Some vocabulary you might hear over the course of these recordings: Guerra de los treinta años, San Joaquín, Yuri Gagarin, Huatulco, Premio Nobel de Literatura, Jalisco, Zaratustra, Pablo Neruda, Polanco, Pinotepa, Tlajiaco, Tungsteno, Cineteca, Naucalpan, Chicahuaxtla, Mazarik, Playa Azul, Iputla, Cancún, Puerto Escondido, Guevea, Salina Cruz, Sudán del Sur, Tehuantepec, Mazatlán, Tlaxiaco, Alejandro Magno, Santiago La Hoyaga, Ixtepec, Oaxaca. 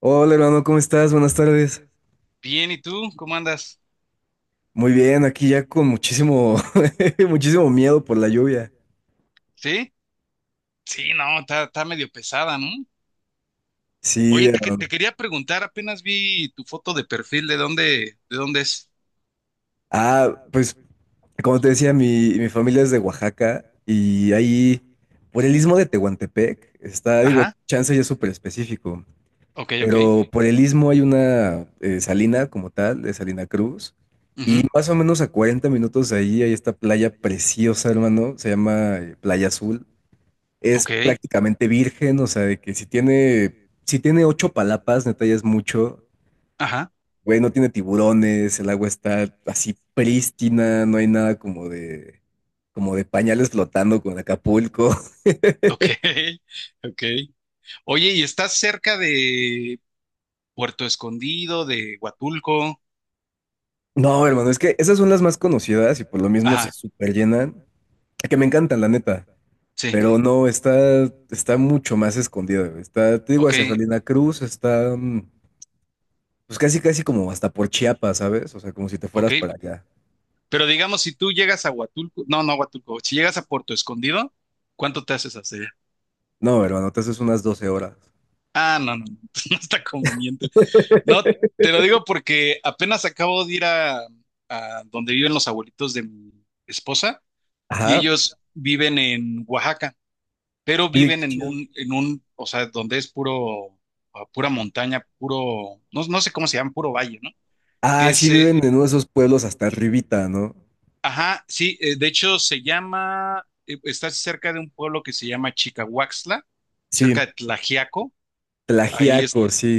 Hola hermano, ¿cómo estás? Buenas tardes. Bien, ¿y tú? ¿Cómo andas? Muy bien, aquí ya con muchísimo, muchísimo miedo por la lluvia. ¿Sí? Sí, no, está medio pesada, ¿no? Sí, Oye, hermano. te quería preguntar, apenas vi tu foto de perfil, ¿de dónde es? Ah, pues como te decía, mi familia es de Oaxaca y ahí por el istmo de Tehuantepec está, digo, Ajá, chance ya es súper específico, ok, ok. pero por el istmo hay una salina como tal, de Salina Cruz, y Ujú, más o menos a 40 minutos de ahí hay esta playa preciosa, hermano, se llama Playa Azul. Es ok, prácticamente virgen, o sea, de que si tiene ocho palapas, neta ya es mucho. ajá, Güey, no tiene tiburones, el agua está así prístina, no hay nada como de pañales flotando con Acapulco. ok, ok. Oye, ¿y estás cerca de Puerto Escondido, de Huatulco? No, hermano, es que esas son las más conocidas y por lo mismo se Ajá, super llenan. Que me encantan, la neta. sí, Pero no, está mucho más escondida, güey. Está, te digo, ok, hacia Salina Cruz, está pues casi, casi como hasta por Chiapas, ¿sabes? O sea, como si te ok. fueras para allá. Pero digamos, si tú llegas a Huatulco, no, no a Huatulco, si llegas a Puerto Escondido, ¿cuánto te haces hacia allá? No, hermano, te haces unas 12 horas. Ah, no, no, no, no está conveniente. No, te lo digo porque apenas acabo de ir a donde viven los abuelitos de mi esposa y Ajá. ellos viven en Oaxaca, pero Oye, viven qué en chido. un, o sea, donde es puro, ah, pura montaña, puro, no, no sé cómo se llama, puro valle, ¿no? Ah, Que sí, sí. se, Viven en uno de esos pueblos hasta arribita, ¿no? ajá, sí, de hecho se llama, está cerca de un pueblo que se llama Chicahuaxtla, cerca Sí, de Tlajiaco, ahí es, Tlajiaco, sí.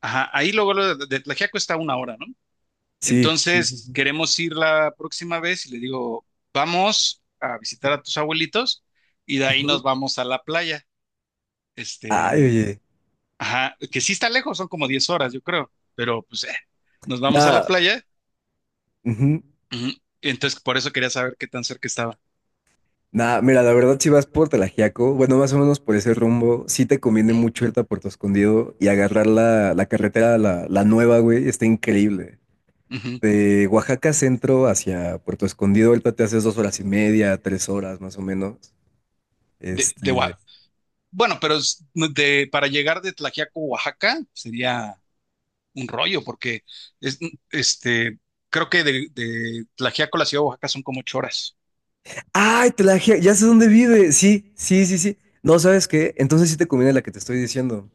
ajá, ahí luego luego de Tlajiaco está a una hora, ¿no? Sí, sí, sí, Entonces, sí. queremos ir la próxima vez y le digo, vamos a visitar a tus abuelitos y de ahí nos Ujú. vamos a la playa. Este, Ay, oye. ajá, que sí está lejos, son como 10 horas, yo creo, pero pues nos vamos a la Nada, playa. ujú. Ujú. Entonces, por eso quería saber qué tan cerca estaba. Nada, mira, la verdad, si vas por Tlajiaco, bueno, más o menos por ese rumbo, sí te conviene Ujú, mucho irte a Puerto Escondido y agarrar la carretera, la nueva, güey, está increíble. ujú. De Oaxaca Centro hacia Puerto Escondido, ahorita te haces 2 horas y media, 3 horas más o menos. De, de Oa- Este, bueno, pero no, para llegar de Tlaxiaco, Oaxaca, sería un rollo, porque es, este, creo que de Tlaxiaco a la ciudad de Oaxaca son como 8 horas. Ay, ya sé dónde vive. Sí, sí, sí, sí. No, ¿sabes qué? Entonces sí te conviene la que te estoy diciendo,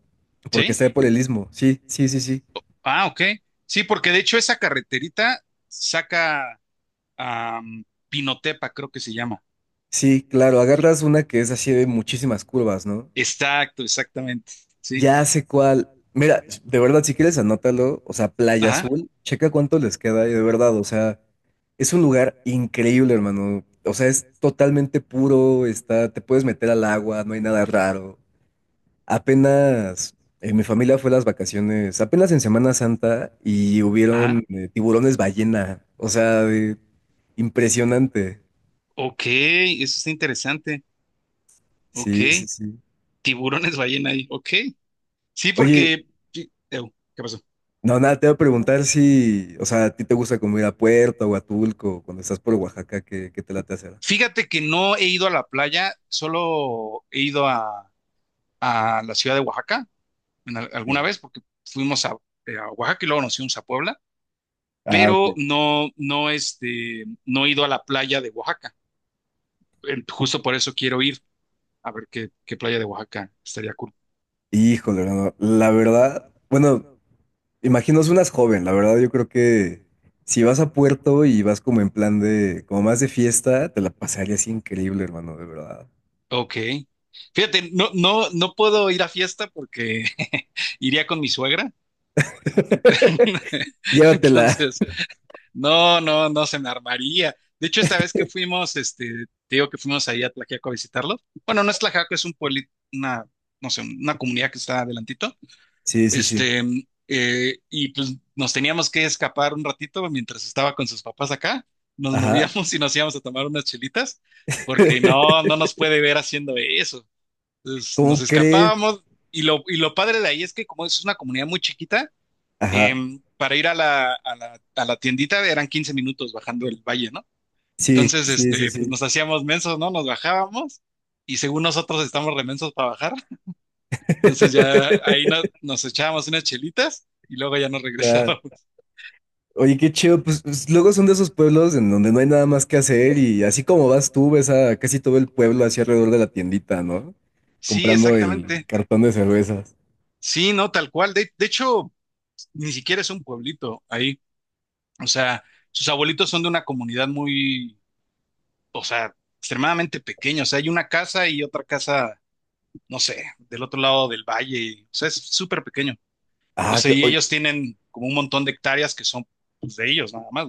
porque ¿Sí? está por el istmo. Sí, sí, sí, sí. Ah, ok. Sí, porque de hecho esa carreterita saca a Pinotepa, creo que se llama. Sí, claro, agarras una que es así de muchísimas curvas, ¿no? Exacto, exactamente. Sí. Ya sé cuál. Mira, de verdad, si quieres, anótalo. O sea, Playa Ajá, Azul, checa cuánto les queda. Y de verdad, o sea, es un lugar increíble, hermano. O sea, es totalmente puro, está, te puedes meter al agua, no hay nada raro. Apenas mi familia fue a las vacaciones, apenas en Semana Santa, y ajá. hubieron tiburones ballena. O sea, impresionante. Ok, eso está interesante. Sí, sí, Ok. sí. Tiburones ballena ahí. Ok. Sí, Oye, porque, sí. Ew, ¿qué pasó? no, nada, te voy a preguntar si, o sea, ¿a ti te gusta como ir a Puerto o a Tulco cuando estás por Oaxaca? ¿Qué te late hacer? Fíjate que no he ido a la playa, solo he ido a la ciudad de Oaxaca alguna Ok. vez porque fuimos a Oaxaca y luego nos fuimos a Puebla, Ah, pero ok. no, no, no he ido a la playa de Oaxaca. Justo por eso quiero ir a ver qué playa de Oaxaca estaría cool. Híjole, no, no, la verdad, bueno. Imagino unas joven, la verdad yo creo que si vas a Puerto y vas como en plan de, como más de fiesta, te la pasarías increíble, hermano, de verdad. Ok. Fíjate, no, no, no puedo ir a fiesta porque iría con mi suegra. Llévatela. Entonces, no, no, no se me armaría. De hecho, esta vez que fuimos, te digo que fuimos ahí a Tlaxiaco a visitarlos. Bueno, no es Tlaxiaco, es un pueblo, una, no sé, una comunidad que está adelantito. Sí, sí, sí. Este, y pues nos teníamos que escapar un ratito mientras estaba con sus papás acá. Nos Ajá. movíamos y nos íbamos a tomar unas chelitas, porque no, no nos puede ver haciendo eso. Entonces nos ¿Cómo crees? escapábamos y lo padre de ahí es que como es una comunidad muy chiquita, Ajá. Para ir a la tiendita eran 15 minutos bajando el valle, ¿no? Sí, Entonces, sí, sí, pues sí. nos hacíamos mensos, ¿no? Nos bajábamos y según nosotros estamos remensos para bajar, entonces ya ahí nos echábamos unas chelitas y luego ya nos Claro. regresábamos. Oye, qué chido, pues, luego son de esos pueblos en donde no hay nada más que hacer y así como vas tú, ves a casi todo el pueblo así alrededor de la tiendita, ¿no? Sí, Comprando el exactamente. cartón de cervezas. Sí, no, tal cual. De hecho, ni siquiera es un pueblito ahí. O sea, sus abuelitos son de una comunidad muy, o sea, extremadamente pequeña. O sea, hay una casa y otra casa, no sé, del otro lado del valle. O sea, es súper pequeño. O Ah, sea, y ellos oye, tienen como un montón de hectáreas que son pues, de ellos nada más,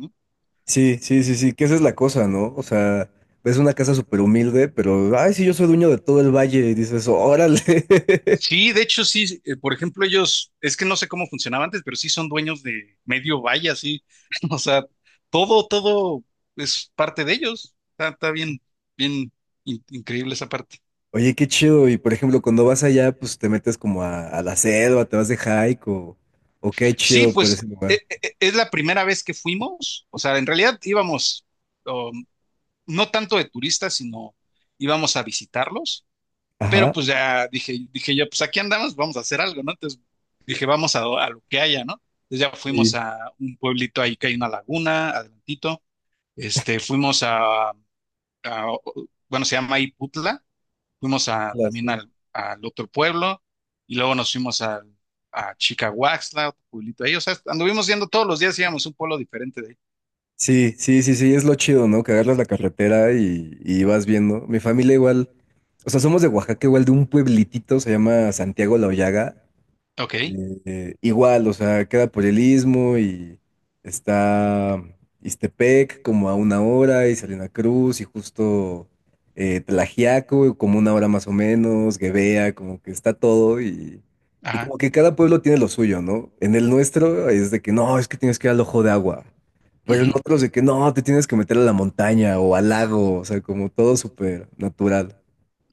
sí, sí, sí, sí, que esa es la cosa, ¿no? O sea, ves una casa súper humilde, pero, ay, sí, yo ¿no? soy dueño de todo el valle, y dices, órale. Sí, de hecho, sí. Por ejemplo, ellos, es que no sé cómo funcionaba antes, pero sí son dueños de medio valle, sí. O sea, todo es parte de ellos. Está bien, bien increíble esa parte. Oye, qué chido. Y por ejemplo, cuando vas allá, pues te metes como a la selva, te vas de hike o qué Sí, chido por ese pues lugar. Es la primera vez que fuimos. O sea, en realidad íbamos, um, no tanto de turistas, sino íbamos a visitarlos. Pero Ajá. pues ya dije, dije yo, pues aquí andamos, vamos a hacer algo, ¿no? Entonces dije, vamos a lo que haya, ¿no? Entonces ya fuimos Sí, a un pueblito ahí que hay una laguna, adelantito. Fuimos a- bueno, se llama Iputla. Fuimos también sí. al otro pueblo y luego nos fuimos a Chicahuaxtla, otro pueblito ahí. O sea, anduvimos yendo todos los días, íbamos a un pueblo diferente de ahí. Sí, sí, sí, sí, es lo chido, ¿no? Que agarras la carretera y vas viendo. Mi familia igual, o sea, somos de Oaxaca, igual de un pueblitito, se llama Santiago La Hoyaga. Ok, Igual, o sea, queda por el istmo y está Ixtepec como a una hora y Salina Cruz y justo Tlaxiaco como una hora más o menos, Guevea, como que está todo y ajá. como que cada pueblo tiene lo suyo, ¿no? En el nuestro es de que no, es que tienes que ir al ojo de agua, pero en Ujú. otros de que no, te tienes que meter a la montaña o al lago, o sea, como todo súper natural.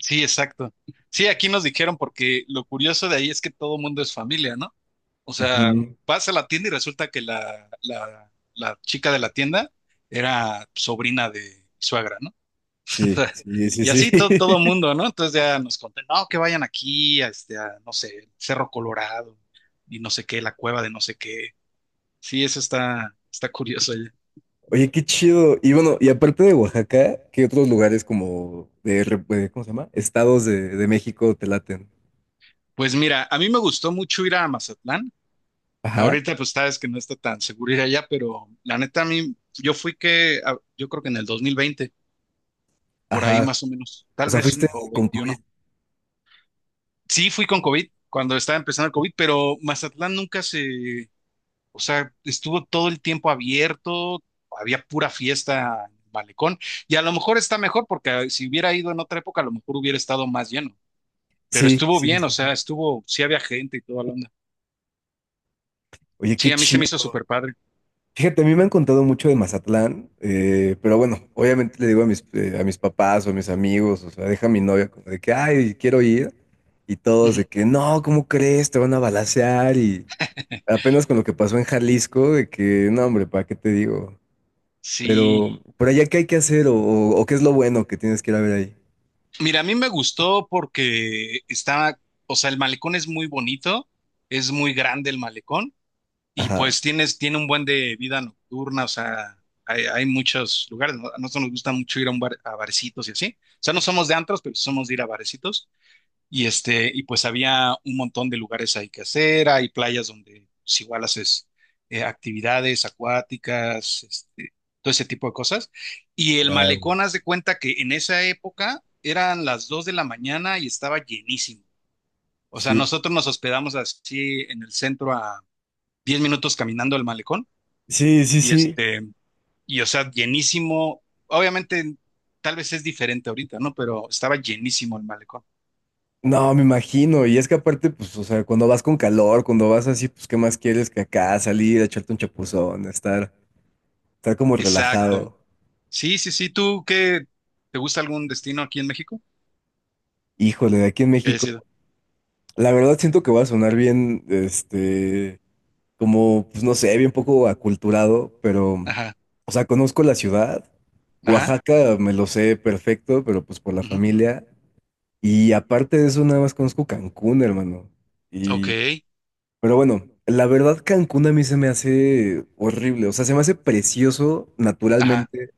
Sí, exacto. Sí, aquí nos dijeron porque lo curioso de ahí es que todo mundo es familia, ¿no? O sea, Ujú. vas a la tienda y resulta que la chica de la tienda era sobrina de mi suegra, ¿no? Sí, sí, sí, Y sí. así todo mundo, ¿no? Entonces ya nos conté, no, que vayan aquí, a este, a, no sé, el Cerro Colorado y no sé qué, la cueva de no sé qué. Sí, eso está, está curioso ya. Oye, qué chido. Y bueno, y aparte de Oaxaca, ¿qué otros lugares como de, ¿cómo se llama? Estados de México te laten. Pues mira, a mí me gustó mucho ir a Mazatlán. Ajá, Ahorita pues sabes que no está tan seguro ir allá, pero la neta a mí, yo creo que en el 2020, por ahí ajá. más o menos, O tal sea, vez fuiste o con COVID. 21. Sí, fui con COVID cuando estaba empezando el COVID, pero Mazatlán nunca se, o sea, estuvo todo el tiempo abierto, había pura fiesta en el malecón, y a lo mejor está mejor porque si hubiera ido en otra época, a lo mejor hubiera estado más lleno, pero Sí, estuvo sí, bien, o sí, sea, sí. estuvo, sí había gente y toda la onda. Oye, qué Sí, a mí se chido. me hizo súper padre. Fíjate, a mí me han contado mucho de Mazatlán, pero bueno, obviamente le digo a mis papás o a mis amigos, o sea, deja a mi novia como de que, ay, quiero ir. Y todos de Ujú. que, no, ¿cómo crees? Te van a balacear y... Apenas con lo que pasó en Jalisco, de que, no, hombre, ¿para qué te digo? Pero, Sí, ¿por allá qué hay que hacer o, o qué es lo bueno que tienes que ir a ver ahí? mira, a mí me gustó porque estaba, o sea, el malecón es muy bonito, es muy grande el malecón. Y Ajá, pues tiene un buen de vida nocturna, o sea, hay muchos lugares, ¿no? A nosotros nos gusta mucho ir a barecitos y así. O sea, no somos de antros, pero sí somos de ir a barecitos. Y pues había un montón de lugares ahí que hacer, hay playas donde pues, igual haces actividades acuáticas, todo ese tipo de cosas. Y el claro. malecón, haz de cuenta que en esa época eran las 2 de la mañana y estaba llenísimo. O sea, Sí, nosotros nos hospedamos así en el centro a 10 minutos caminando al malecón sí, sí, y sí. este, y o sea, llenísimo. Obviamente, tal vez es diferente ahorita, ¿no? Pero estaba llenísimo el malecón. No, me imagino. Y es que aparte, pues, o sea, cuando vas con calor, cuando vas así, pues, ¿qué más quieres que acá salir, echarte un chapuzón, estar como Exacto. relajado? Sí, sí, sí. ¿Tú qué? ¿Te gusta algún destino aquí en México? Híjole, de aquí en Que haya México. sido. La verdad siento que va a sonar bien, como, pues, no sé, bien poco aculturado, pero, Ajá, o sea, conozco la ciudad. ajá. Oaxaca me lo sé perfecto, pero pues por la Ujú, familia. Y aparte de eso, nada más conozco Cancún, hermano. ok. Y, pero bueno, la verdad Cancún a mí se me hace horrible, o sea, se me hace precioso Ajá, naturalmente,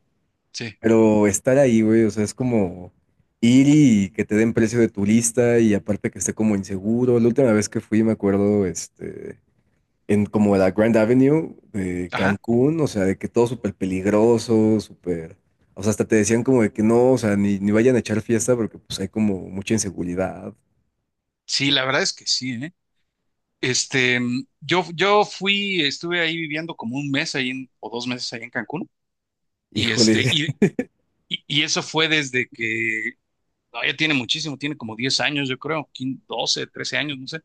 sí. pero estar ahí, güey, o sea, es como ir y que te den precio de turista y aparte que esté como inseguro. La última vez que fui, me acuerdo, en como la Grand Avenue de Ajá. Cancún, o sea, de que todo súper peligroso, súper... O sea, hasta te decían como de que no, o sea, ni vayan a echar fiesta porque pues hay como mucha inseguridad. Sí, la verdad es que sí, ¿eh? Yo fui, estuve ahí viviendo como un mes ahí o 2 meses ahí en Cancún. Y este, Híjole, y, y eso fue desde que no, ya tiene muchísimo, tiene como 10 años, yo creo, 15, 12, 13 años, no sé.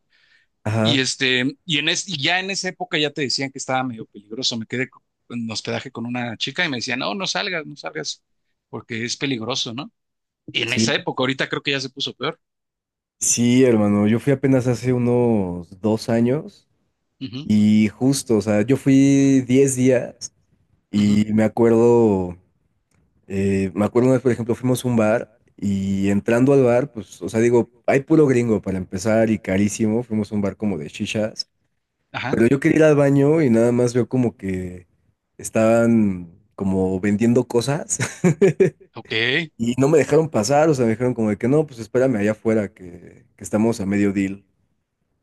Y ajá, este, y en es, y ya en esa época ya te decían que estaba medio peligroso. Me quedé en hospedaje con una chica y me decía, no, no salgas, no salgas, porque es peligroso, ¿no? Y en esa sí, época, ahorita creo que ya se puso peor. sí, hermano, yo fui apenas hace unos 2 años Ujú, y justo, o sea, yo fui 10 días ujú, y me acuerdo una vez, por ejemplo, fuimos a un bar y entrando al bar, pues, o sea, digo, hay puro gringo para empezar y carísimo, fuimos a un bar como de chichas, ajá, pero yo quería ir al baño y nada más veo como que estaban como vendiendo cosas. ok, Y no me dejaron pasar, o sea, me dijeron como de que no, pues espérame allá afuera, que estamos a medio deal.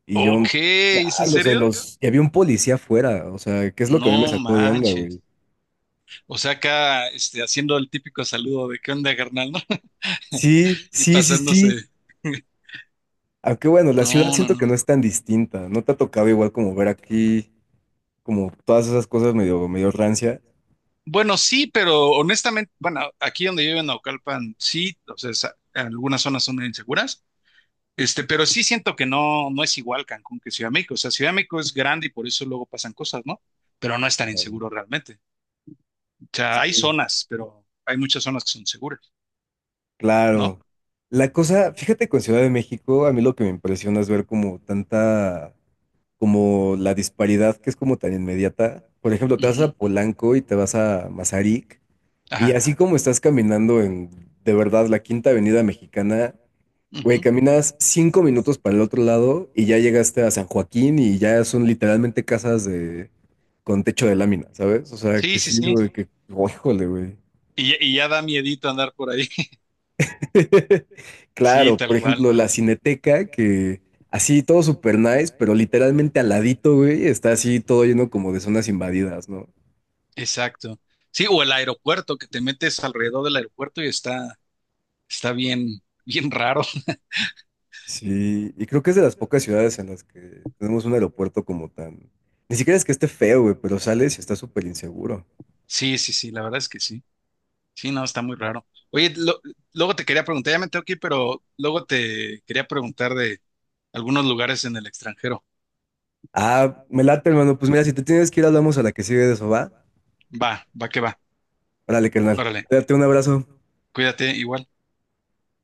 Y yo, ok, ¿es en chale, o sea, serio? Y había un policía afuera, o sea, ¿qué es lo que a mí me No sacó de onda, manches. güey? O sea, acá, haciendo el típico saludo de ¿qué onda, carnal?, ¿no? Sí, Y sí, sí, sí. pasándose. Aunque bueno, la ciudad No, no, siento que no. no es tan distinta, no te ha tocado igual como ver aquí, como todas esas cosas medio, medio rancia. Bueno, sí, pero honestamente, bueno, aquí donde yo vivo en Naucalpan, sí, o sea, algunas zonas son inseguras, pero sí siento que no, no es igual Cancún que Ciudad de México. O sea, Ciudad de México es grande y por eso luego pasan cosas, ¿no? Pero no es tan inseguro realmente. O sea, hay Sí. zonas, pero hay muchas zonas que son seguras, ¿no? Claro. La cosa, fíjate con Ciudad de México, a mí lo que me impresiona es ver como tanta, como la disparidad que es como tan inmediata. Por ejemplo, te vas a Ujú, Polanco y te vas a Mazarik y ajá. así como estás caminando en, de verdad, la Quinta Avenida Mexicana, güey, Ujú. caminas 5 minutos para el otro lado y ya llegaste a San Joaquín y ya son literalmente casas de, con techo de lámina, ¿sabes? O sea, que Sí, sí, sí, sí. güey, que, oh, híjole, güey. Y ya, y ya da miedito andar por ahí. Sí, Claro, por tal cual. ejemplo, la Cineteca, que así todo super nice, pero literalmente al ladito, güey, está así todo lleno como de zonas invadidas, ¿no? Exacto. Sí, o el aeropuerto, que te metes alrededor del aeropuerto y está, está bien, bien raro. Sí, y creo que es de las pocas ciudades en las que tenemos un aeropuerto como tan... Ni siquiera es que esté feo, güey, pero sales y está súper inseguro. Sí, sí, sí, la verdad es que sí. Sí, no, está muy raro. Oye, luego te quería preguntar, ya me tengo que ir, pero luego te quería preguntar de algunos lugares en el extranjero. Ah, me late, hermano. Pues mira, si te tienes que ir, hablamos a la que sigue de eso, ¿va? Va, va que va. Órale, carnal. Órale, Date un abrazo. cuídate, igual.